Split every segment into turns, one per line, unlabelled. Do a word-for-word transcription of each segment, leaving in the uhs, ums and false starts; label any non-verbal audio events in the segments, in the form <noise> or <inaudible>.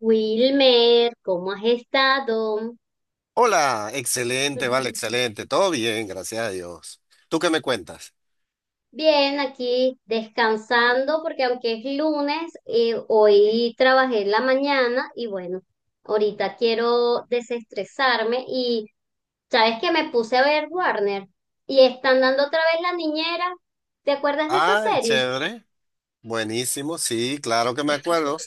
Wilmer, ¿cómo has estado?
Hola, excelente, vale,
<laughs>
excelente. Todo bien, gracias a Dios. ¿Tú qué me cuentas?
Bien, aquí descansando porque aunque es lunes, eh, hoy trabajé en la mañana y bueno, ahorita quiero desestresarme y sabes que me puse a ver Warner y están dando otra vez La Niñera. ¿Te acuerdas de esa
Ay,
serie?
chévere. Buenísimo, sí, claro que me acuerdo.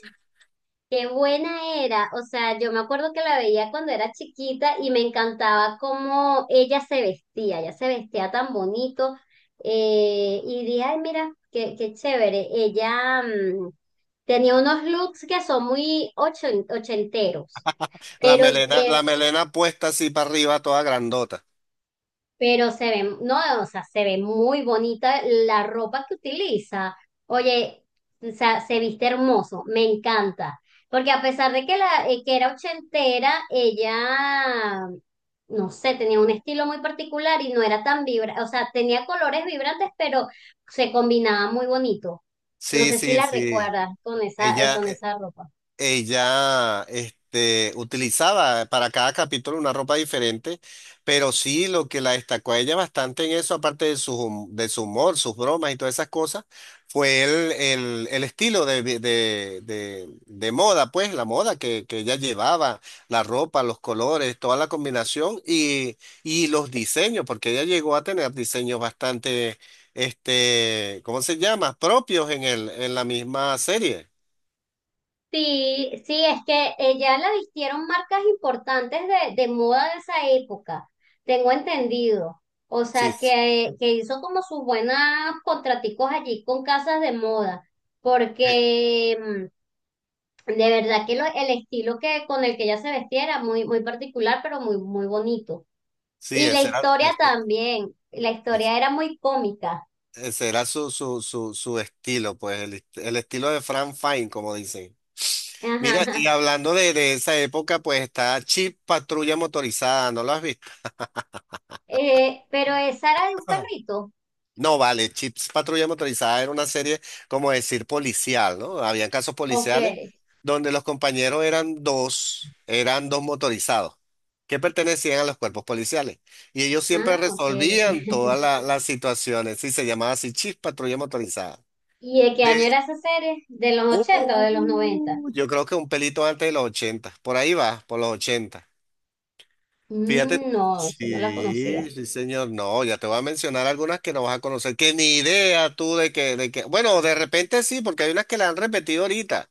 Qué buena era, o sea, yo me acuerdo que la veía cuando era chiquita y me encantaba cómo ella se vestía, ella se vestía tan bonito, eh, y dije, ay, mira, qué, qué chévere, ella mm, tenía unos looks que son muy ocho- ochenteros,
La
pero
melena,
de,
la melena puesta así para arriba, toda grandota.
pero se ve, no, o sea, se ve muy bonita la ropa que utiliza. Oye, o sea, se viste hermoso, me encanta. Porque a pesar de que, la, eh, que era ochentera, ella, no sé, tenía un estilo muy particular y no era tan vibrante, o sea, tenía colores vibrantes, pero se combinaba muy bonito. No
Sí,
sé si
sí,
la
sí.
recuerdas con esa, eh,
Ella,
con esa ropa.
Ella, este, utilizaba para cada capítulo una ropa diferente, pero sí lo que la destacó a ella bastante en eso, aparte de su, hum- de su humor, sus bromas y todas esas cosas, fue el, el, el estilo de, vi- de, de, de moda, pues la moda que, que ella llevaba, la ropa, los colores, toda la combinación y, y los diseños, porque ella llegó a tener diseños bastante, este, ¿cómo se llama? Propios en el, en la misma serie.
Sí, sí, es que ella la vistieron marcas importantes de, de moda de esa época, tengo entendido. O
Sí,
sea, que, que hizo como sus buenas contraticos allí con casas de moda,
sí.
porque mm, de verdad que lo- el estilo que, con el que ella se vestía era muy, muy particular, pero muy, muy bonito.
Sí,
Y la
ese era,
historia
ese-
también, la historia era muy cómica.
ese era su, su, su, su estilo, pues el, est- el estilo de Frank Fine, como dicen.
<laughs>
Mira, y
Ajá.
hablando de, de esa época, pues está Chip Patrulla Motorizada, ¿no lo has visto?
Eh, pero esa era de un
<clears throat>
perrito.
No, vale, Chips Patrulla Motorizada era una serie, como decir, policial, ¿no? Habían casos
Ok.
policiales donde los compañeros eran dos, eran dos motorizados que pertenecían a los cuerpos policiales. Y ellos siempre
Ah, ok.
resolvían todas la- las situaciones, sí, se llamaba así Chips Patrulla Motorizada.
¿Y de qué
De
año era esa serie? ¿De los ochenta o de los noventa?
Uh, yo creo que un pelito antes de los ochenta. Por ahí va, por los ochenta. Fíjate.
Mm, no, eso no la conocía.
Sí, sí, señor. No, ya te voy a mencionar algunas que no vas a conocer, que ni idea tú de que, de que. Bueno, de repente sí, porque hay unas que la han repetido ahorita.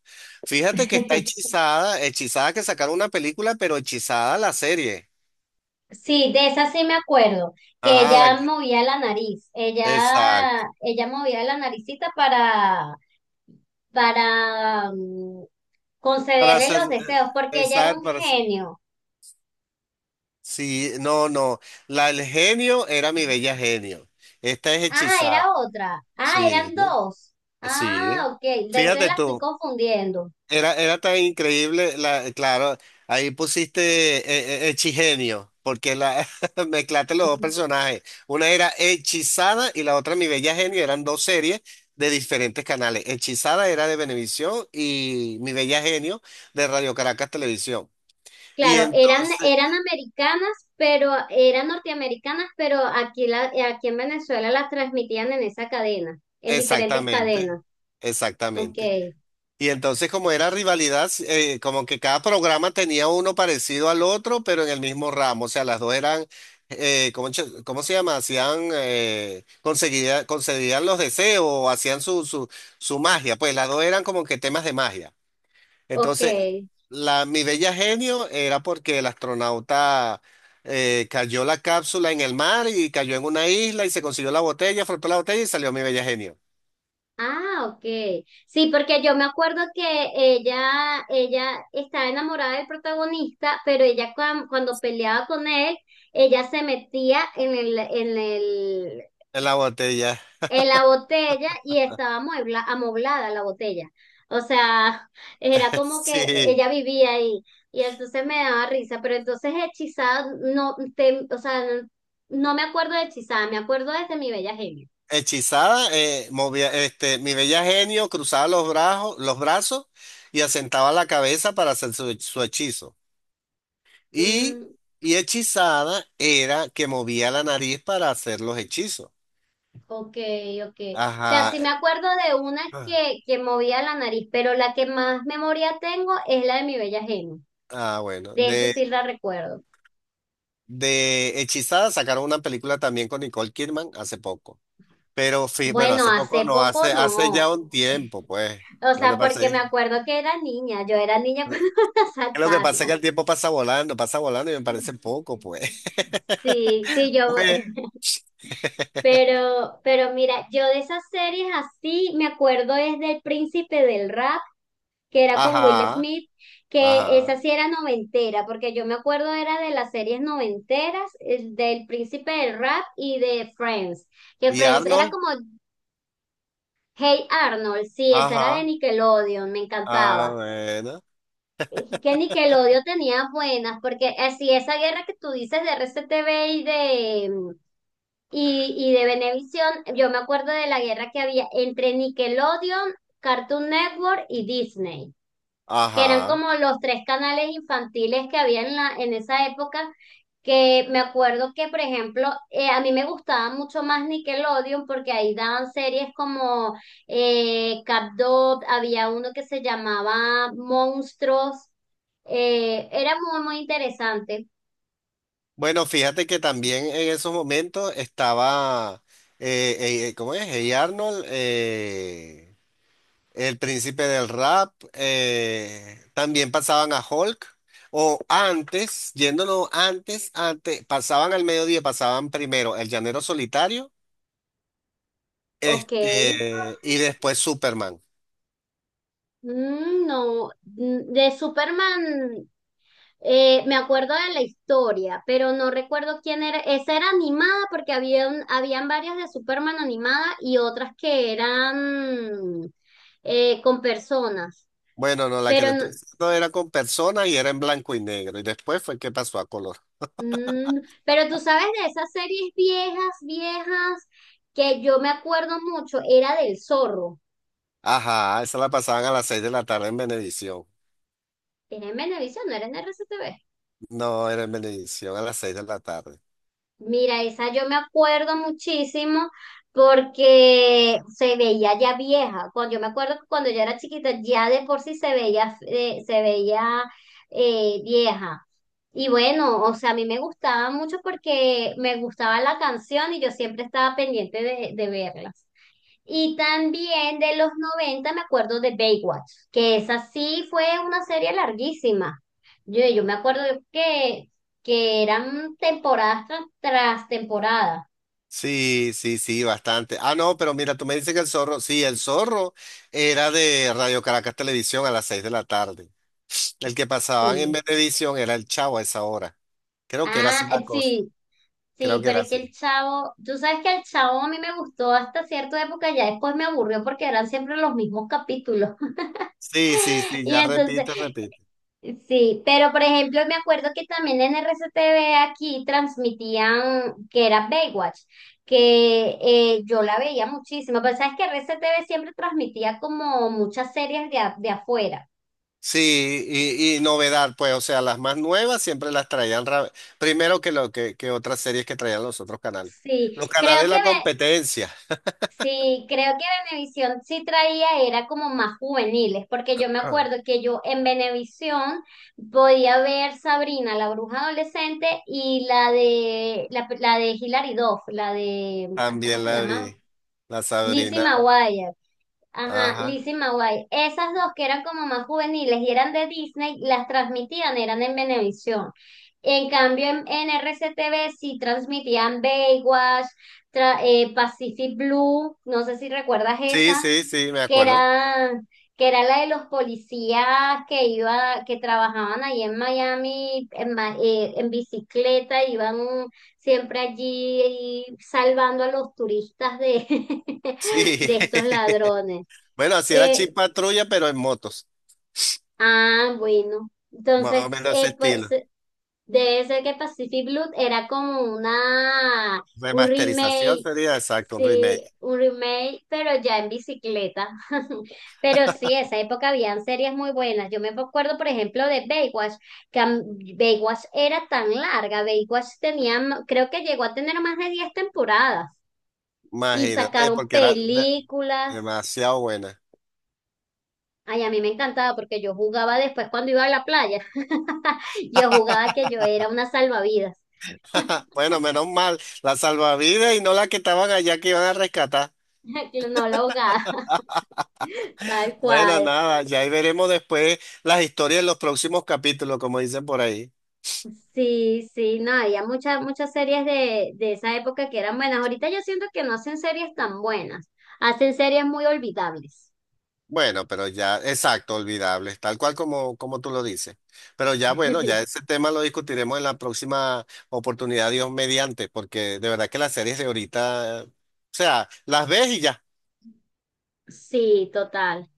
Fíjate que está
<laughs>
Hechizada, Hechizada que sacaron una película, pero Hechizada la serie.
Sí, de esa sí me acuerdo, que
Ajá, la-
ella movía la nariz, ella,
exacto.
ella movía la naricita para, para mm,
Para
concederle
ser-
los deseos, porque ella era
exacto,
un
para ser-
genio.
sí, no, no. La del genio era mi bella genio. Esta es
Ah,
Hechizada.
era otra. Ah,
Sí.
eran
¿No?
dos.
Sí,
Ah, ok, de eso
fíjate
la estoy
tú,
confundiendo.
era, era tan increíble, la, claro, ahí pusiste eh, eh, hechigenio, porque la, <laughs> mezclaste los dos
<laughs>
personajes. Una era Hechizada y la otra Mi Bella Genio, eran dos series de diferentes canales. Hechizada era de Venevisión y Mi Bella Genio de Radio Caracas Televisión. Y
Claro, eran,
entonces,
eran americanas, pero eran norteamericanas, pero aquí, la, aquí en Venezuela las transmitían en esa cadena, en diferentes
exactamente,
cadenas. Ok,
exactamente. Y entonces como era rivalidad, eh, como que cada programa tenía uno parecido al otro, pero en el mismo ramo. O sea, las dos eran, eh, ¿cómo, ch- cómo se llama? Hacían, eh, conseguía- concedían los deseos, o hacían su, su, su magia. Pues las dos eran como que temas de magia.
ok.
Entonces, la, mi bella genio era porque el astronauta eh, cayó la cápsula en el mar y cayó en una isla y se consiguió la botella, frotó la botella y salió mi bella genio.
Ah, ok. Sí, porque yo me acuerdo que ella, ella estaba enamorada del protagonista, pero ella cuan- cuando peleaba con él, ella se metía en el, en el,
En la botella,
en la botella y estaba amuebla, amoblada la botella. O sea, <laughs> era
<laughs>
como que
sí.
ella vivía ahí y entonces me daba risa, pero entonces hechizada no te, o sea, no, no me acuerdo de hechizada, me acuerdo desde mi bella genio.
Hechizada, eh, movía, este, mi bella genio cruzaba los brazos, los brazos y asentaba la cabeza para hacer su, su hechizo. Y,
Mm,
y hechizada era que movía la nariz para hacer los hechizos.
ok, ok. O sea,
Ajá.
sí me acuerdo de una
Ah,
que, que movía la nariz, pero la que más memoria tengo es la de mi bella genio.
ah, bueno.
De eso
De,
sí la recuerdo.
de Hechizada sacaron una película también con Nicole Kidman hace poco. Pero fi- bueno,
Bueno,
hace poco
hace
no,
poco
hace, hace
no.
ya un tiempo, pues.
O
Lo que
sea,
pasa
porque me
es,
acuerdo que era niña, yo era niña <laughs> cuando la
lo que pasa es que
sacaron.
el tiempo pasa volando, pasa volando y me parece poco, pues. <laughs>
Sí, sí, yo,
Pues,
pero, pero mira, yo de esas series así me acuerdo es del Príncipe del Rap, que era con Will
ajá,
Smith, que esa
ajá.
sí era noventera, porque yo me acuerdo era de las series noventeras, eh, del Príncipe del Rap y de Friends, que
¿Y
Friends era
Arnold?
como Hey Arnold, sí, esa era de
Ajá.
Nickelodeon, me
Ah,
encantaba.
bueno.
Eh, que Nickelodeon tenía buenas, porque así esa guerra que tú dices de R C T V y de mm, y, y de Venevisión, yo me acuerdo de la guerra que había entre Nickelodeon, Cartoon Network y Disney, que eran
Ajá.
como los tres canales infantiles que había en la, en esa época, que me acuerdo que, por ejemplo, eh, a mí me gustaba mucho más Nickelodeon porque ahí daban series como eh, CapDog, había uno que se llamaba Monstruos, eh, era muy, muy interesante.
Bueno, fíjate que también en esos momentos estaba, eh, eh, eh, ¿cómo es? Hey Arnold, eh, el príncipe del rap, eh, también pasaban a Hulk. O antes, yéndonos antes, antes, pasaban al mediodía, pasaban primero El Llanero Solitario,
Ok.
este, y después Superman.
Mm, no, mm, De Superman, eh, me acuerdo de la historia, pero no recuerdo quién era. Esa era animada porque habían, habían varias de Superman animada y otras que eran eh, con personas.
Bueno, no, la que te
Pero,
estoy
no-
diciendo era con personas y era en blanco y negro. Y después fue que pasó a color.
mm, pero tú sabes de esas series viejas, viejas, que yo me acuerdo mucho, era del Zorro.
Ajá, esa la pasaban a las seis de la tarde en Venevisión.
Era en Venevisión, no era en R C T V.
No, era en Venevisión a las seis de la tarde.
Mira, esa yo me acuerdo muchísimo porque se veía ya vieja. Cuando yo me acuerdo que cuando yo era chiquita, ya de por sí se veía, eh, se veía eh, vieja. Y bueno, o sea, a mí me gustaba mucho porque me gustaba la canción y yo siempre estaba pendiente de, de verla. Y también de los noventa me acuerdo de Baywatch, que esa sí fue una serie larguísima. Yo, yo me acuerdo que, que eran temporadas tras, tras temporada.
Sí, sí, sí, bastante. Ah, no, pero mira, tú me dices que el zorro, sí, el zorro era de Radio Caracas Televisión a las seis de la tarde. El que pasaban en
Sí.
Venevisión era el Chavo a esa hora. Creo que era así
Ah,
la
eh,
cosa.
sí, sí,
Creo que
pero
era
es que
así.
el Chavo, tú sabes que el Chavo a mí me gustó hasta cierta época, ya después me aburrió porque eran siempre los mismos capítulos. <laughs>
Sí, sí, sí,
Y
ya
entonces,
repite, repite.
sí, pero por ejemplo, me acuerdo que también en R C T V aquí transmitían que era Baywatch, que eh, yo la veía muchísimo, pero sabes que R C T V siempre transmitía como muchas series de, a- de afuera.
Sí, y, y novedad, pues, o sea, las más nuevas siempre las traían ra- primero que, lo, que, que otras series que traían los otros canales.
Sí,
Los canales
creo
de
que
la
Ve-
competencia.
sí, Creo que Venevisión sí traía, era como más juveniles, porque yo me
Ah.
acuerdo que yo en Venevisión podía ver Sabrina, la bruja adolescente, y la de la, la de Hilary Duff, la de, ah, ¿cómo
También
se
la
llama?
vi, la
Lizzie
Sabrina,
McGuire. Ajá,
ajá.
Lizzie McGuire. Esas dos que eran como más juveniles y eran de Disney, las transmitían, eran en Venevisión. En cambio, en, en R C T V sí transmitían Baywatch, tra- eh, Pacific Blue, no sé si recuerdas
Sí,
esa
sí, sí, me
que
acuerdo.
era, que era la de los policías que iba, que trabajaban ahí en Miami en, ma- eh, en bicicleta, iban siempre allí salvando a los turistas de,
Sí,
<laughs> de estos
<laughs>
ladrones.
bueno, así era
Eh,
Chip Patrulla, pero en motos,
ah, bueno.
más
Entonces,
o menos ese
eh, pues
estilo.
debe ser que Pacific Blue era como una, un
Remasterización
remake,
sería exacto, un
sí,
remake.
un remake, pero ya en bicicleta. <laughs> Pero sí, esa época habían series muy buenas. Yo me acuerdo, por ejemplo, de Baywatch, que a mí- Baywatch era tan larga. Baywatch tenía, m- creo que llegó a tener más de diez temporadas y
Imagínate,
sacaron
porque era de-
películas.
demasiado buena.
Ay, a mí me encantaba porque yo jugaba después cuando iba a la playa. <laughs> Yo jugaba que yo era una salvavidas.
<laughs> Bueno, menos mal, la salvavidas y no la que estaban allá que iban a rescatar.
<laughs> No la ahogada. Tal
Bueno,
cual.
nada, ya ahí veremos después las historias en los próximos capítulos, como dicen por ahí.
Sí, sí, no, había muchas, muchas series de, de esa época que eran buenas. Ahorita yo siento que no hacen series tan buenas, hacen series muy olvidables.
Bueno, pero ya, exacto, olvidables, tal cual como, como tú lo dices. Pero ya, bueno, ya
<laughs>
ese tema lo discutiremos en la próxima oportunidad, Dios mediante, porque de verdad que las series de ahorita, o sea, las ves y ya.
Sí, total.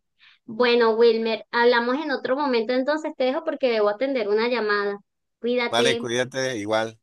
Bueno, Wilmer, hablamos en otro momento, entonces te dejo porque debo atender una llamada.
Vale,
Cuídate.
cuídate igual.